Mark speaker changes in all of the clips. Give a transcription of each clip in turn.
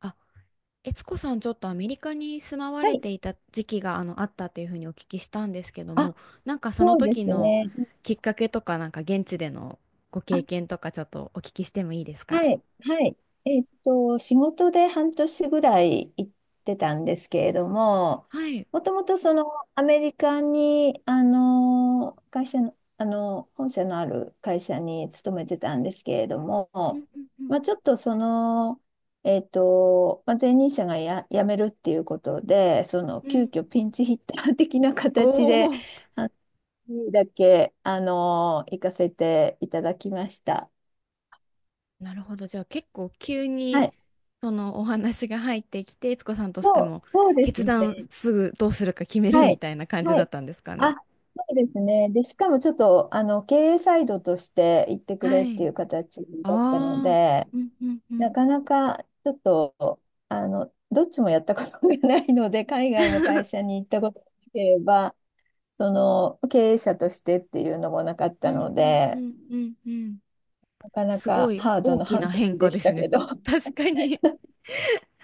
Speaker 1: あ、悦子さん、ちょっとアメリカに住まわ
Speaker 2: は
Speaker 1: れ
Speaker 2: い。
Speaker 1: ていた時期があったというふうにお聞きしたんですけど
Speaker 2: あ、
Speaker 1: も、なんかその
Speaker 2: そうで
Speaker 1: 時
Speaker 2: す
Speaker 1: の
Speaker 2: ね。
Speaker 1: きっかけとか、なんか現地でのご
Speaker 2: あ、
Speaker 1: 経験とか、ちょっとお聞きしてもいいです
Speaker 2: は
Speaker 1: か？
Speaker 2: い、はい。仕事で半年ぐらい行ってたんですけれども、
Speaker 1: はい。
Speaker 2: もともとそのアメリカに、会社の、本社のある会社に勤めてたんですけれど
Speaker 1: う
Speaker 2: も、
Speaker 1: んうん
Speaker 2: まあ、ちょっとその、まあ、前任者が辞めるっていうことで、その
Speaker 1: うんう
Speaker 2: 急
Speaker 1: ん。
Speaker 2: 遽ピンチヒッター的な
Speaker 1: お
Speaker 2: 形で、
Speaker 1: お、
Speaker 2: にだけ、行かせていただきました。
Speaker 1: なるほど。じゃあ結構急
Speaker 2: は
Speaker 1: に
Speaker 2: い。
Speaker 1: そのお話が入ってきて、悦子さんとして
Speaker 2: そう、
Speaker 1: も
Speaker 2: そうです
Speaker 1: 決断
Speaker 2: ね。
Speaker 1: すぐどうするか決める
Speaker 2: は
Speaker 1: み
Speaker 2: い。
Speaker 1: たいな感じ
Speaker 2: は
Speaker 1: だっ
Speaker 2: い。
Speaker 1: たんですか
Speaker 2: あ、
Speaker 1: ね。
Speaker 2: そうですね。で、しかもちょっと、経営サイドとして行ってく
Speaker 1: は
Speaker 2: れって
Speaker 1: い。
Speaker 2: いう形だったの
Speaker 1: ああ、
Speaker 2: で、
Speaker 1: うんうんう
Speaker 2: な
Speaker 1: ん。
Speaker 2: かなかちょっと、どっちもやったことがないので、海外の会 社に行ったことがなければ、その、経営者としてっていうのもなかっ
Speaker 1: う
Speaker 2: た
Speaker 1: ん
Speaker 2: の
Speaker 1: うんう
Speaker 2: で、
Speaker 1: んうんうん。
Speaker 2: なかな
Speaker 1: すご
Speaker 2: か
Speaker 1: い
Speaker 2: ハード
Speaker 1: 大
Speaker 2: な
Speaker 1: き
Speaker 2: 半
Speaker 1: な変
Speaker 2: 年
Speaker 1: 化
Speaker 2: で
Speaker 1: で
Speaker 2: した
Speaker 1: すね。
Speaker 2: けど。は
Speaker 1: 確かに。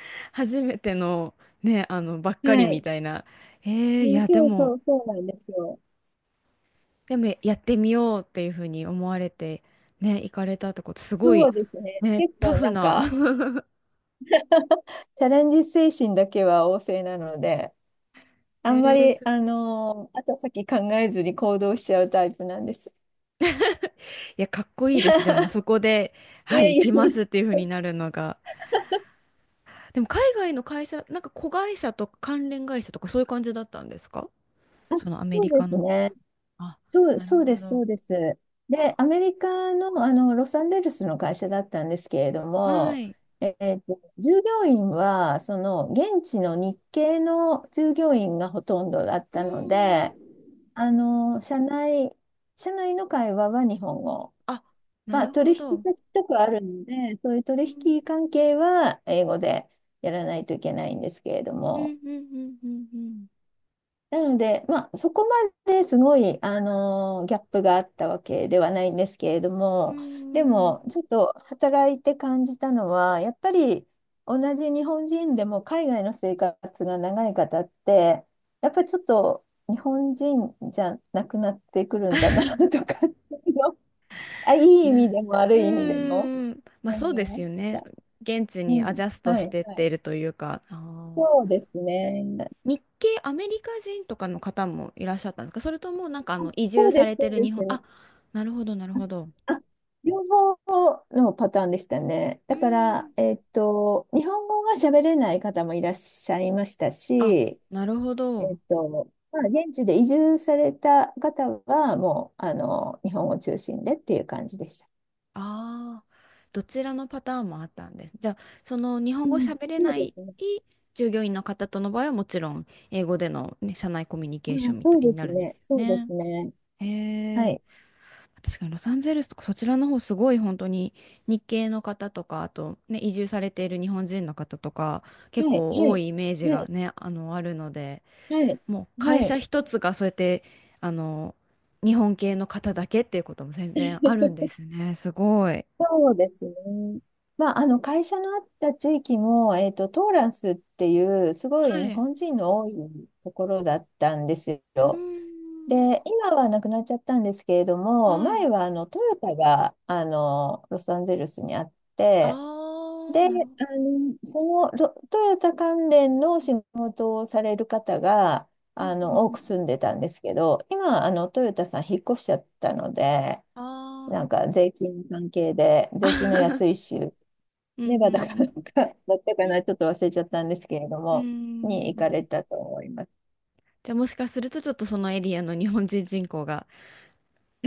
Speaker 1: 初めてのね、あの、ばっかりみ
Speaker 2: い。
Speaker 1: たいな。えー、いや、で
Speaker 2: そう
Speaker 1: も、
Speaker 2: そう、そうなんですよ。
Speaker 1: でもやってみようっていうふうに思われて、ね、行かれたってこと、すご
Speaker 2: そ
Speaker 1: い、
Speaker 2: うですね。
Speaker 1: ね、
Speaker 2: 結
Speaker 1: タ
Speaker 2: 構
Speaker 1: フ
Speaker 2: なん
Speaker 1: な。
Speaker 2: か、チャレンジ精神だけは旺盛なので、あ
Speaker 1: え
Speaker 2: んま
Speaker 1: ー、
Speaker 2: り、
Speaker 1: す、
Speaker 2: 後先考えずに行動しちゃうタイプなんです。
Speaker 1: いや、かっこ い
Speaker 2: い
Speaker 1: いで
Speaker 2: や
Speaker 1: す。でも、そこで、
Speaker 2: い
Speaker 1: は
Speaker 2: や
Speaker 1: い、
Speaker 2: い
Speaker 1: 行
Speaker 2: や、
Speaker 1: きま すっていうふう
Speaker 2: そ
Speaker 1: に
Speaker 2: う
Speaker 1: なるのが。でも、海外の会社、なんか子会社とか関連会社とかそういう感じだったんですか？
Speaker 2: あ
Speaker 1: そのアメ
Speaker 2: そう
Speaker 1: リ
Speaker 2: で
Speaker 1: カ
Speaker 2: す
Speaker 1: の。
Speaker 2: ね。
Speaker 1: あ、
Speaker 2: そう、
Speaker 1: なる
Speaker 2: そうで
Speaker 1: ほ
Speaker 2: す、そ
Speaker 1: ど。
Speaker 2: うです。で、アメリカの、ロサンゼルスの会社だったんですけれど
Speaker 1: は
Speaker 2: も、
Speaker 1: い。
Speaker 2: 従業員は、その、現地の日系の従業員がほとんどだっ
Speaker 1: う
Speaker 2: た
Speaker 1: ん。
Speaker 2: ので、あの、社内、社内の会話は日本語。
Speaker 1: あ、な
Speaker 2: まあ、
Speaker 1: る
Speaker 2: 取
Speaker 1: ほ
Speaker 2: 引
Speaker 1: ど。
Speaker 2: 先とかあるので、そういう
Speaker 1: う
Speaker 2: 取
Speaker 1: ん。
Speaker 2: 引関係は英語でやらないといけないんですけれど
Speaker 1: う
Speaker 2: も、
Speaker 1: んうんうんうん
Speaker 2: なので、まあ、そこまですごい、ギャップがあったわけではないんですけれど
Speaker 1: うん、
Speaker 2: も、で
Speaker 1: うん。
Speaker 2: も、ちょっと働いて感じたのは、やっぱり同じ日本人でも海外の生活が長い方って、やっぱりちょっと日本人じゃなくなってくるんだな と かっていうの、あ、いい意味
Speaker 1: ね。
Speaker 2: でも
Speaker 1: う
Speaker 2: 悪い意味でも
Speaker 1: ーん。まあそ
Speaker 2: 思
Speaker 1: う
Speaker 2: い
Speaker 1: です
Speaker 2: ま
Speaker 1: よ
Speaker 2: し
Speaker 1: ね。
Speaker 2: た。
Speaker 1: 現地
Speaker 2: う
Speaker 1: にア
Speaker 2: ん。
Speaker 1: ジャスト
Speaker 2: は
Speaker 1: し
Speaker 2: い、
Speaker 1: てっ
Speaker 2: は
Speaker 1: て
Speaker 2: い。
Speaker 1: いるというか、あー、
Speaker 2: そうですね。
Speaker 1: 日系アメリカ人とかの方もいらっしゃったんですか？それともなんかあの移
Speaker 2: そ
Speaker 1: 住
Speaker 2: う
Speaker 1: さ
Speaker 2: です、
Speaker 1: れ
Speaker 2: そ
Speaker 1: て
Speaker 2: う
Speaker 1: る
Speaker 2: で
Speaker 1: 日
Speaker 2: す。
Speaker 1: 本、あ、なるほどなるほど。
Speaker 2: あ両方のパターンでしたね。
Speaker 1: うー
Speaker 2: だから、
Speaker 1: ん、
Speaker 2: 日本語が喋れない方もいらっしゃいました
Speaker 1: あ、
Speaker 2: し、
Speaker 1: なるほど。
Speaker 2: まあ、現地で移住された方は、もう、日本語中心でっていう感じでした。
Speaker 1: ああ、どちらのパターンもあったんです。じゃあ、その日本
Speaker 2: う
Speaker 1: 語
Speaker 2: ん、
Speaker 1: 喋れ
Speaker 2: そう
Speaker 1: な
Speaker 2: で
Speaker 1: い
Speaker 2: すね。
Speaker 1: 従業員の方との場合はもちろん英語での、ね、社内コミュニ
Speaker 2: あ
Speaker 1: ケーショ
Speaker 2: あ、
Speaker 1: ンみた
Speaker 2: そう
Speaker 1: い
Speaker 2: で
Speaker 1: にな
Speaker 2: す
Speaker 1: るんで
Speaker 2: ね。
Speaker 1: すよ
Speaker 2: そうで
Speaker 1: ね。
Speaker 2: すね。
Speaker 1: へ
Speaker 2: は
Speaker 1: え、
Speaker 2: い。
Speaker 1: 確かにロサンゼルスとかそちらの方すごい本当に日系の方とか、あとね、移住されている日本人の方とか
Speaker 2: は
Speaker 1: 結
Speaker 2: い。
Speaker 1: 構
Speaker 2: は
Speaker 1: 多
Speaker 2: い。
Speaker 1: いイメージ
Speaker 2: は
Speaker 1: が
Speaker 2: い。
Speaker 1: ね、あの、あるので、
Speaker 2: はい。
Speaker 1: もう
Speaker 2: は
Speaker 1: 会
Speaker 2: い。
Speaker 1: 社一つがそうやって、あの、日本系の方だけっていうことも全然あるんですね。すごい。
Speaker 2: そうですね。まあ、あの会社のあった地域も、トーランスっていうすご
Speaker 1: は
Speaker 2: い日
Speaker 1: い、
Speaker 2: 本人の多いところだったんです
Speaker 1: うー
Speaker 2: よ。
Speaker 1: ん。
Speaker 2: で、今はなくなっちゃったんですけれども、
Speaker 1: はい。
Speaker 2: 前はトヨタがロサンゼルスにあっ
Speaker 1: あ
Speaker 2: て、
Speaker 1: あ、
Speaker 2: で、
Speaker 1: なるほど。
Speaker 2: そのトヨタ関連の仕事をされる方が
Speaker 1: うんうん
Speaker 2: 多
Speaker 1: う
Speaker 2: く
Speaker 1: ん。
Speaker 2: 住んでたんですけど、今トヨタさん引っ越しちゃったので、
Speaker 1: あ
Speaker 2: なんか税金の関係で、税金の
Speaker 1: あ。
Speaker 2: 安い 州、
Speaker 1: うんう
Speaker 2: ネバダかなん
Speaker 1: ん
Speaker 2: か、だったか
Speaker 1: うん。
Speaker 2: な、ちょっと忘れちゃったんですけれど
Speaker 1: うー
Speaker 2: も、に行か
Speaker 1: ん。
Speaker 2: れたと思います。
Speaker 1: じゃあもしかするとちょっとそのエリアの日本人人口が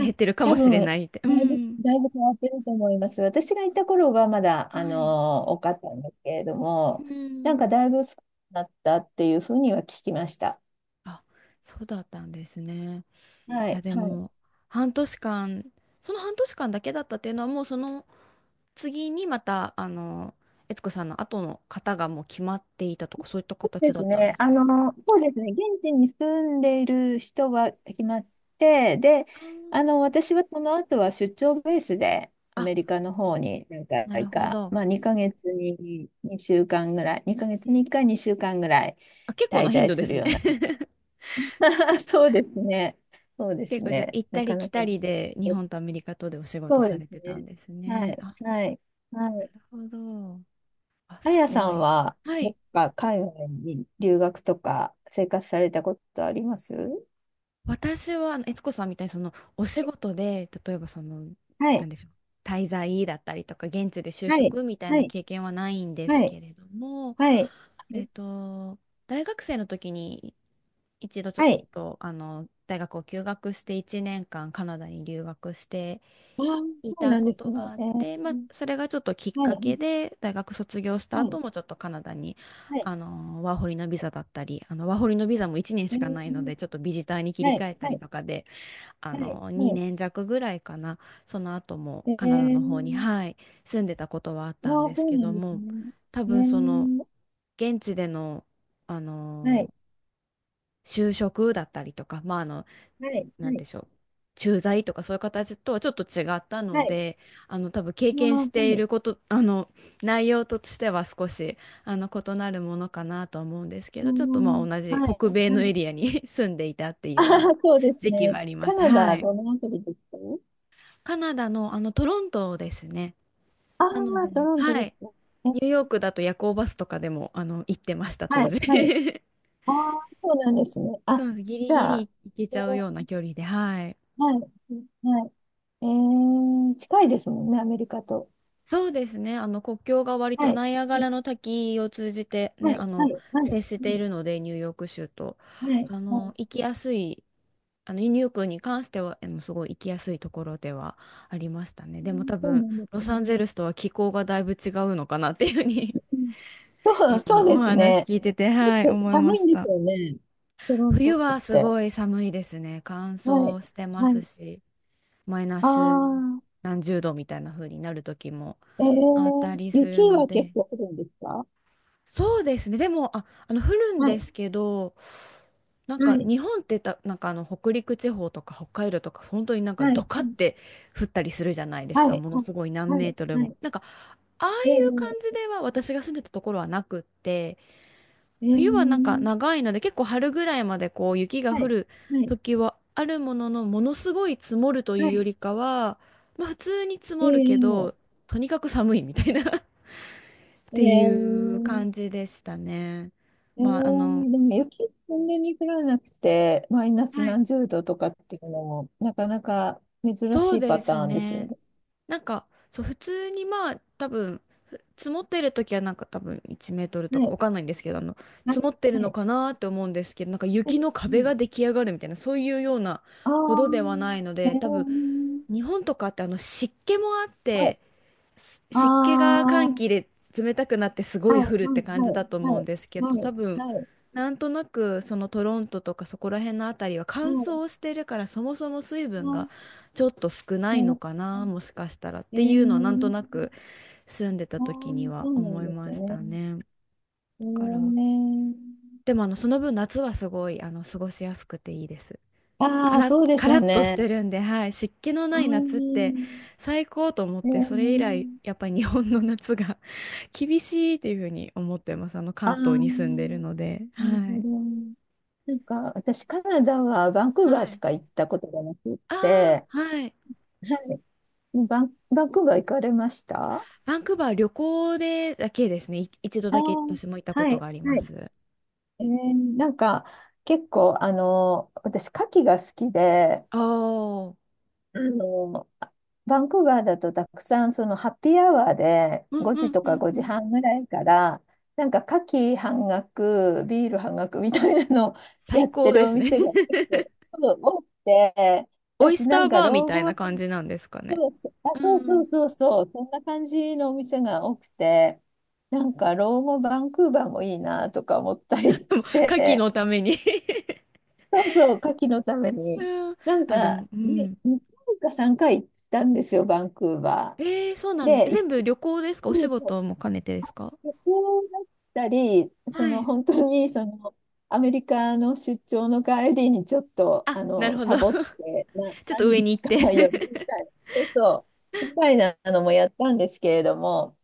Speaker 2: あ、
Speaker 1: ってるか
Speaker 2: 多
Speaker 1: もし
Speaker 2: 分、
Speaker 1: れないって。う
Speaker 2: だいぶ、
Speaker 1: ん。
Speaker 2: だいぶ変わってると思います。私が行った頃はまだ、
Speaker 1: はい。
Speaker 2: 多かったんですけれど
Speaker 1: う
Speaker 2: も、なんか
Speaker 1: ん。
Speaker 2: だいぶ少なくなったっていうふうには聞きました。
Speaker 1: あ、そうだったんですね。
Speaker 2: は
Speaker 1: いや
Speaker 2: い。
Speaker 1: で
Speaker 2: はい
Speaker 1: も半年間、その半年間だけだったっていうのはもうその次にまたあの、悦子さんの後の方がもう決まっていたとかそういった形
Speaker 2: で
Speaker 1: だ
Speaker 2: す
Speaker 1: ったん
Speaker 2: ね。
Speaker 1: ですか？
Speaker 2: そうですね。現地に住んでいる人は決まって、で、
Speaker 1: あー、
Speaker 2: 私はその後は出張ベースでア
Speaker 1: あ、
Speaker 2: メリカの方に何
Speaker 1: なる
Speaker 2: 回
Speaker 1: ほ
Speaker 2: か、
Speaker 1: ど。
Speaker 2: まあ2ヶ月に2週間ぐらい、2ヶ
Speaker 1: う
Speaker 2: 月に1
Speaker 1: ん。
Speaker 2: 回2週間ぐらい
Speaker 1: あ、結構な
Speaker 2: 滞
Speaker 1: 頻
Speaker 2: 在
Speaker 1: 度で
Speaker 2: する
Speaker 1: すね。
Speaker 2: ような。そうですね。そうです
Speaker 1: 結構じゃあ
Speaker 2: ね。
Speaker 1: 行っ
Speaker 2: な
Speaker 1: たり
Speaker 2: か
Speaker 1: 来
Speaker 2: なか。
Speaker 1: たりで日本とアメリカとでお仕事
Speaker 2: そう
Speaker 1: さ
Speaker 2: で
Speaker 1: れ
Speaker 2: す
Speaker 1: てたん
Speaker 2: ね。
Speaker 1: です
Speaker 2: は
Speaker 1: ね。
Speaker 2: い。
Speaker 1: あ、
Speaker 2: はい。は
Speaker 1: な
Speaker 2: い。
Speaker 1: るほど。あ、
Speaker 2: あ
Speaker 1: す
Speaker 2: やさ
Speaker 1: ご
Speaker 2: ん
Speaker 1: い。
Speaker 2: は、
Speaker 1: は
Speaker 2: ど
Speaker 1: い。
Speaker 2: っか海外に留学とか生活されたことあります？
Speaker 1: 私は、あの悦子さんみたいに、その、お
Speaker 2: は
Speaker 1: 仕
Speaker 2: い。
Speaker 1: 事で、例えば、その、
Speaker 2: は
Speaker 1: なん
Speaker 2: い。
Speaker 1: でしょう、滞在だったりとか、現地で就
Speaker 2: はい。
Speaker 1: 職みたい
Speaker 2: は
Speaker 1: な
Speaker 2: い。
Speaker 1: 経験はないんですけれ
Speaker 2: は
Speaker 1: ども、
Speaker 2: い。
Speaker 1: えっと、大学生の時に、一度ちょっ
Speaker 2: はい。
Speaker 1: と、あの、大学を休学して、1年間カナダに留学して
Speaker 2: ああー、
Speaker 1: い
Speaker 2: そう
Speaker 1: た
Speaker 2: なん
Speaker 1: こ
Speaker 2: です
Speaker 1: とが
Speaker 2: ね。
Speaker 1: あっ
Speaker 2: えー、
Speaker 1: て、まあ、それがちょっときっ
Speaker 2: は
Speaker 1: かけ
Speaker 2: い。
Speaker 1: で大学卒業した
Speaker 2: は
Speaker 1: 後
Speaker 2: い。
Speaker 1: もちょっとカナダに、
Speaker 2: はい。
Speaker 1: あのワーホリのビザだったり、あのワーホリのビザも1年
Speaker 2: え
Speaker 1: しかないの
Speaker 2: ー、
Speaker 1: でちょっとビジターに切り
Speaker 2: はい。
Speaker 1: 替えた
Speaker 2: は
Speaker 1: り
Speaker 2: い。
Speaker 1: とかで、あ
Speaker 2: はい。
Speaker 1: の
Speaker 2: は
Speaker 1: 2年弱ぐらいかな、その後
Speaker 2: い。
Speaker 1: も
Speaker 2: え
Speaker 1: カナダの方に、
Speaker 2: ー、
Speaker 1: はい、住んでたことはあっ
Speaker 2: あ
Speaker 1: たんで
Speaker 2: あ、
Speaker 1: す
Speaker 2: そう
Speaker 1: け
Speaker 2: な
Speaker 1: ど
Speaker 2: んです
Speaker 1: も、
Speaker 2: ね。
Speaker 1: 多
Speaker 2: え
Speaker 1: 分その
Speaker 2: ー、
Speaker 1: 現地での、あ
Speaker 2: はい。
Speaker 1: の就職だったりとか、まあ、あの、
Speaker 2: はい。
Speaker 1: な
Speaker 2: は
Speaker 1: ん
Speaker 2: い。
Speaker 1: でしょう、駐在とかそういう形とはちょっと違った
Speaker 2: は
Speaker 1: の
Speaker 2: い。
Speaker 1: で、あの多分経
Speaker 2: ああ、
Speaker 1: 験し
Speaker 2: は
Speaker 1: てい
Speaker 2: い。
Speaker 1: ること、あの内容としては少しあの異なるものかなとは思うんですけ
Speaker 2: うー
Speaker 1: ど、ちょっとまあ
Speaker 2: ん、
Speaker 1: 同じ
Speaker 2: はい。
Speaker 1: 北米
Speaker 2: は
Speaker 1: の
Speaker 2: い。
Speaker 1: エリアに 住んでいたって い
Speaker 2: あ
Speaker 1: うよ
Speaker 2: あ、
Speaker 1: うな
Speaker 2: そうです
Speaker 1: 時期は
Speaker 2: ね。
Speaker 1: ありま
Speaker 2: カ
Speaker 1: す。
Speaker 2: ナ
Speaker 1: は
Speaker 2: ダ、
Speaker 1: い。
Speaker 2: どのあたりですか？
Speaker 1: カナダのあのトロントですね。
Speaker 2: ああ、
Speaker 1: なので、
Speaker 2: トロント
Speaker 1: は
Speaker 2: です
Speaker 1: い。
Speaker 2: ね。え
Speaker 1: ニューヨークだと夜行バスとかでもあの行ってました、当
Speaker 2: はい。
Speaker 1: 時。
Speaker 2: はい。ああ、そうなんですね。
Speaker 1: そ
Speaker 2: あ、
Speaker 1: うです。ギリ
Speaker 2: じ
Speaker 1: ギ
Speaker 2: ゃ
Speaker 1: リ
Speaker 2: あ、
Speaker 1: 行けちゃうような距離で、はい。
Speaker 2: はい。はい。えー、近いですもんね、アメリカと。
Speaker 1: そうですね。あの国境が割
Speaker 2: は
Speaker 1: と
Speaker 2: い。
Speaker 1: ナイアガ
Speaker 2: は
Speaker 1: ラ
Speaker 2: い。
Speaker 1: の滝を通じて
Speaker 2: は
Speaker 1: ね、
Speaker 2: い。
Speaker 1: あ
Speaker 2: は
Speaker 1: の
Speaker 2: い。はい。は
Speaker 1: 接してい
Speaker 2: い。
Speaker 1: るので、ニューヨーク州と。
Speaker 2: はい
Speaker 1: あ
Speaker 2: は
Speaker 1: の行
Speaker 2: い
Speaker 1: きやすい、あのニューヨークに関しては、あのすごい行きやすいところではありましたね。
Speaker 2: う
Speaker 1: でも
Speaker 2: ん
Speaker 1: 多
Speaker 2: そう
Speaker 1: 分、
Speaker 2: なんで
Speaker 1: ロ
Speaker 2: すね。
Speaker 1: サンゼルスとは気候がだいぶ違うのかなっていうふうに
Speaker 2: うん そう、そ
Speaker 1: 今
Speaker 2: う
Speaker 1: お
Speaker 2: です
Speaker 1: 話
Speaker 2: ね。
Speaker 1: 聞いてて、は
Speaker 2: 結
Speaker 1: い、
Speaker 2: 構
Speaker 1: 思いま
Speaker 2: 寒い
Speaker 1: し
Speaker 2: んです
Speaker 1: た。
Speaker 2: よね。トロン
Speaker 1: 冬
Speaker 2: トっ
Speaker 1: はす
Speaker 2: て。
Speaker 1: ごい寒いですね。乾
Speaker 2: はい。
Speaker 1: 燥してま
Speaker 2: は
Speaker 1: す
Speaker 2: い。
Speaker 1: し、マイナ
Speaker 2: あ
Speaker 1: ス
Speaker 2: あ、
Speaker 1: 何十度みたいな風になる時も
Speaker 2: え
Speaker 1: あった
Speaker 2: ー、
Speaker 1: りす
Speaker 2: 雪
Speaker 1: るの
Speaker 2: は結
Speaker 1: で。
Speaker 2: 構降るんですか？
Speaker 1: そうですね。でも、あ、あの、降るん
Speaker 2: は
Speaker 1: で
Speaker 2: い。
Speaker 1: すけど、なん
Speaker 2: は
Speaker 1: か
Speaker 2: い。
Speaker 1: 日本ってた、なんかあの北陸地方とか北海道とか本当になんか
Speaker 2: は
Speaker 1: ド
Speaker 2: い。
Speaker 1: カって降ったりするじゃないです
Speaker 2: は
Speaker 1: か。
Speaker 2: い。
Speaker 1: もの
Speaker 2: はい。
Speaker 1: すごい何
Speaker 2: は
Speaker 1: メー
Speaker 2: い。
Speaker 1: トル
Speaker 2: は
Speaker 1: も。
Speaker 2: い。
Speaker 1: なんかああい
Speaker 2: え
Speaker 1: う感じ
Speaker 2: ー、
Speaker 1: では私が住んでたところはなくって、
Speaker 2: え
Speaker 1: 冬はなんか
Speaker 2: ー、
Speaker 1: 長いので結構春ぐらいまでこう雪が
Speaker 2: は
Speaker 1: 降
Speaker 2: い。
Speaker 1: る
Speaker 2: はい。
Speaker 1: 時はあるものの、ものすごい積もるとい
Speaker 2: は
Speaker 1: うよ
Speaker 2: い。
Speaker 1: りかは、まあ普通に積
Speaker 2: え
Speaker 1: もるけ
Speaker 2: ー、
Speaker 1: ど、とにかく寒いみたいなっ
Speaker 2: え
Speaker 1: ていう
Speaker 2: ー、
Speaker 1: 感じでしたね。
Speaker 2: え
Speaker 1: まあ、あの、
Speaker 2: ー、でも雪そんなに降らなくて、マイナス
Speaker 1: はい。
Speaker 2: 何十度とかっていうのも、なかなか珍
Speaker 1: そ
Speaker 2: し
Speaker 1: う
Speaker 2: い
Speaker 1: で
Speaker 2: パタ
Speaker 1: す
Speaker 2: ーンですよ
Speaker 1: ね。
Speaker 2: ね。
Speaker 1: なんか、そう、普通にまあ、多分、ふ積もってる時はなんか多分1メートル
Speaker 2: は
Speaker 1: とかわ
Speaker 2: い、
Speaker 1: かんないんですけど、あの、
Speaker 2: は
Speaker 1: 積
Speaker 2: い、
Speaker 1: もってる
Speaker 2: は
Speaker 1: の
Speaker 2: い。
Speaker 1: かなって思うんですけど、なんか
Speaker 2: は
Speaker 1: 雪
Speaker 2: い
Speaker 1: の
Speaker 2: う
Speaker 1: 壁
Speaker 2: ん、
Speaker 1: が出来上がるみたいな、そういうような
Speaker 2: ああ、
Speaker 1: ほどではないの
Speaker 2: え
Speaker 1: で、多分、
Speaker 2: ー、
Speaker 1: 日本とかってあの湿気もあっ
Speaker 2: はい、
Speaker 1: て、す湿気が
Speaker 2: あ
Speaker 1: 寒気
Speaker 2: あ、
Speaker 1: で冷たくなってすご
Speaker 2: は
Speaker 1: い
Speaker 2: い、はい、
Speaker 1: 降るっ
Speaker 2: は
Speaker 1: て感じだ
Speaker 2: い、
Speaker 1: と思う
Speaker 2: は
Speaker 1: ん
Speaker 2: い、
Speaker 1: ですけど、
Speaker 2: は
Speaker 1: 多
Speaker 2: い、
Speaker 1: 分
Speaker 2: はい、
Speaker 1: なんとなくそのトロントとかそこら辺のあたりは
Speaker 2: は
Speaker 1: 乾
Speaker 2: い、
Speaker 1: 燥してるからそもそも水
Speaker 2: あ
Speaker 1: 分が
Speaker 2: ー
Speaker 1: ちょっと少な
Speaker 2: な
Speaker 1: い
Speaker 2: る
Speaker 1: の
Speaker 2: ほ
Speaker 1: かな、
Speaker 2: ど。
Speaker 1: もしかしたらっ
Speaker 2: え
Speaker 1: ていうのはなんとな
Speaker 2: ー、
Speaker 1: く住んでた
Speaker 2: ああ、
Speaker 1: 時には
Speaker 2: そうな
Speaker 1: 思
Speaker 2: ん
Speaker 1: い
Speaker 2: です
Speaker 1: まし
Speaker 2: ね。
Speaker 1: たね。だ
Speaker 2: え
Speaker 1: から、
Speaker 2: ー、
Speaker 1: でもあのその分夏はすごいあの過ごしやすくていいです。カ
Speaker 2: ああ、
Speaker 1: ラッ、
Speaker 2: そうで
Speaker 1: カ
Speaker 2: しょう
Speaker 1: ラッとして
Speaker 2: ね。
Speaker 1: るんで、はい、湿気の
Speaker 2: あ
Speaker 1: ない夏っ
Speaker 2: あ、
Speaker 1: て最高と思っ
Speaker 2: え
Speaker 1: て、それ以来、やっ
Speaker 2: ー
Speaker 1: ぱり日本の夏が 厳しいっていうふうに思ってます。あの、
Speaker 2: あ
Speaker 1: 関
Speaker 2: あ、な
Speaker 1: 東に住んでるので。
Speaker 2: る
Speaker 1: は
Speaker 2: ほ
Speaker 1: い。
Speaker 2: ど。なんか、私、カナダはバンクー
Speaker 1: は
Speaker 2: バーし
Speaker 1: い。
Speaker 2: か行ったことがなくっ
Speaker 1: ああ、
Speaker 2: て、
Speaker 1: はい。
Speaker 2: はい。もうバンクーバー行かれました？
Speaker 1: バンクーバー旅行でだけですね。い、一度
Speaker 2: あ
Speaker 1: だけ
Speaker 2: ー
Speaker 1: 私も行ったこ
Speaker 2: はい、
Speaker 1: とがあり
Speaker 2: は
Speaker 1: ま
Speaker 2: い。
Speaker 1: す。
Speaker 2: えーなんか、結構、私、牡蠣が好きで、
Speaker 1: ああ、うん
Speaker 2: あの、バンクーバーだとたくさんそのハッピーアワーで
Speaker 1: う
Speaker 2: 5時
Speaker 1: ん
Speaker 2: と
Speaker 1: う
Speaker 2: か
Speaker 1: んう
Speaker 2: 5
Speaker 1: ん。
Speaker 2: 時半ぐらいからなんか夏季半額、ビール半額みたいなのをや
Speaker 1: 最
Speaker 2: っ
Speaker 1: 高
Speaker 2: てる
Speaker 1: で
Speaker 2: お
Speaker 1: すね。
Speaker 2: 店が結構 多くて、
Speaker 1: オイ
Speaker 2: 私
Speaker 1: ス
Speaker 2: な
Speaker 1: ター
Speaker 2: んか
Speaker 1: バーみ
Speaker 2: 老
Speaker 1: た
Speaker 2: 後
Speaker 1: い
Speaker 2: は
Speaker 1: な感じなんですかね。
Speaker 2: そうそう、あ、
Speaker 1: う
Speaker 2: そうそう
Speaker 1: ん。
Speaker 2: そうそう、そんな感じのお店が多くて、なんか老後バンクーバーもいいなとか思ったりし
Speaker 1: 牡蠣
Speaker 2: て、
Speaker 1: のために。
Speaker 2: そうそう、夏季のために。
Speaker 1: うん。
Speaker 2: なん
Speaker 1: あ、で
Speaker 2: か、
Speaker 1: も、う
Speaker 2: ね、
Speaker 1: ん。
Speaker 2: 2回か3回行ったんですよ、バンクーバ
Speaker 1: えー、そうな
Speaker 2: ー。
Speaker 1: んです。え、
Speaker 2: で、一
Speaker 1: 全部
Speaker 2: 回、
Speaker 1: 旅行ですか？お仕
Speaker 2: そう
Speaker 1: 事も兼ねてですか？
Speaker 2: 旅行だったり、そ
Speaker 1: は
Speaker 2: の
Speaker 1: い。
Speaker 2: 本当にそのアメリカの出張の帰りにちょっと
Speaker 1: あ、なるほど。
Speaker 2: サボってな
Speaker 1: ちょっと
Speaker 2: 何
Speaker 1: 上に
Speaker 2: 日
Speaker 1: 行っ
Speaker 2: か
Speaker 1: て。
Speaker 2: 寄るみたいな、そうそう、みたいなのもやったんですけれども、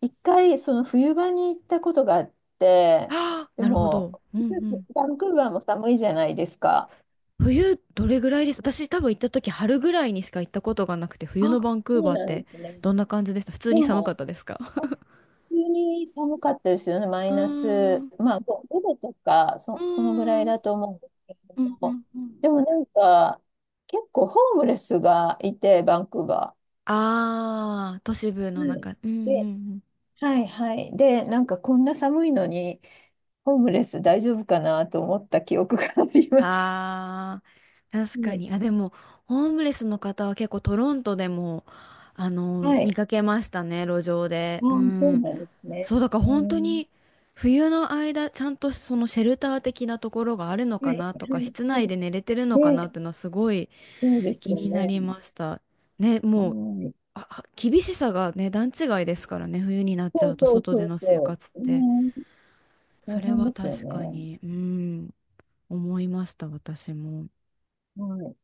Speaker 2: 一回その冬場に行ったことがあっ て、
Speaker 1: あー、
Speaker 2: で
Speaker 1: なるほ
Speaker 2: も、
Speaker 1: ど。うんうん。
Speaker 2: バンクーバーも寒いじゃないですか。
Speaker 1: 冬、どれぐらいです？私多分行った時春ぐらいにしか行ったことがなくて、冬の
Speaker 2: あ、
Speaker 1: バンクー
Speaker 2: そう
Speaker 1: バーっ
Speaker 2: なん
Speaker 1: て
Speaker 2: ですね。
Speaker 1: どんな感じでした？普通
Speaker 2: で
Speaker 1: に寒かっ
Speaker 2: も、
Speaker 1: たですか？
Speaker 2: あ急に寒かったですよね、マイ
Speaker 1: うー
Speaker 2: ナ
Speaker 1: ん、
Speaker 2: ス、
Speaker 1: う
Speaker 2: まあ、5、度とか、
Speaker 1: ー
Speaker 2: そのぐらい
Speaker 1: ん、うん、
Speaker 2: だと思うんですけれ
Speaker 1: う
Speaker 2: ど
Speaker 1: ん、
Speaker 2: も、
Speaker 1: うん。
Speaker 2: でもなんか、結構ホームレスがいて、バンクーバ
Speaker 1: あー、都市部の
Speaker 2: ー。はい。
Speaker 1: 中。うん、う
Speaker 2: で、
Speaker 1: ん、
Speaker 2: はいはい。で、なんかこんな寒いのに、ホームレス大丈夫かなと思った記憶があります。
Speaker 1: あー、
Speaker 2: う
Speaker 1: 確か
Speaker 2: ん
Speaker 1: に。あ、でも、ホームレスの方は結構トロントでも、あの、
Speaker 2: は
Speaker 1: 見
Speaker 2: い。
Speaker 1: かけましたね、路上で。
Speaker 2: あ
Speaker 1: う
Speaker 2: あ、そう
Speaker 1: ん。
Speaker 2: なんですね。
Speaker 1: そう、だから
Speaker 2: う
Speaker 1: 本当
Speaker 2: ん。
Speaker 1: に、冬の間、ちゃんとそのシェルター的なところがあるの
Speaker 2: は
Speaker 1: か
Speaker 2: い、
Speaker 1: な
Speaker 2: は
Speaker 1: とか、
Speaker 2: い、
Speaker 1: 室
Speaker 2: は
Speaker 1: 内
Speaker 2: い。
Speaker 1: で寝れてるのかな
Speaker 2: で、
Speaker 1: っていうのはすごい
Speaker 2: そうです
Speaker 1: 気
Speaker 2: よ
Speaker 1: にな
Speaker 2: ね。
Speaker 1: りました。ね、
Speaker 2: は
Speaker 1: もう、
Speaker 2: い。
Speaker 1: あ、あ、厳しさがね、段違いですからね、冬になっち
Speaker 2: そ
Speaker 1: ゃ
Speaker 2: う
Speaker 1: うと
Speaker 2: そう
Speaker 1: 外
Speaker 2: そ
Speaker 1: で
Speaker 2: う
Speaker 1: の生
Speaker 2: そ
Speaker 1: 活っ
Speaker 2: う。
Speaker 1: て。
Speaker 2: ね、
Speaker 1: そ
Speaker 2: 大
Speaker 1: れ
Speaker 2: 変
Speaker 1: は
Speaker 2: ですよ
Speaker 1: 確か
Speaker 2: ね。
Speaker 1: に、うん、思いました、私も。
Speaker 2: はい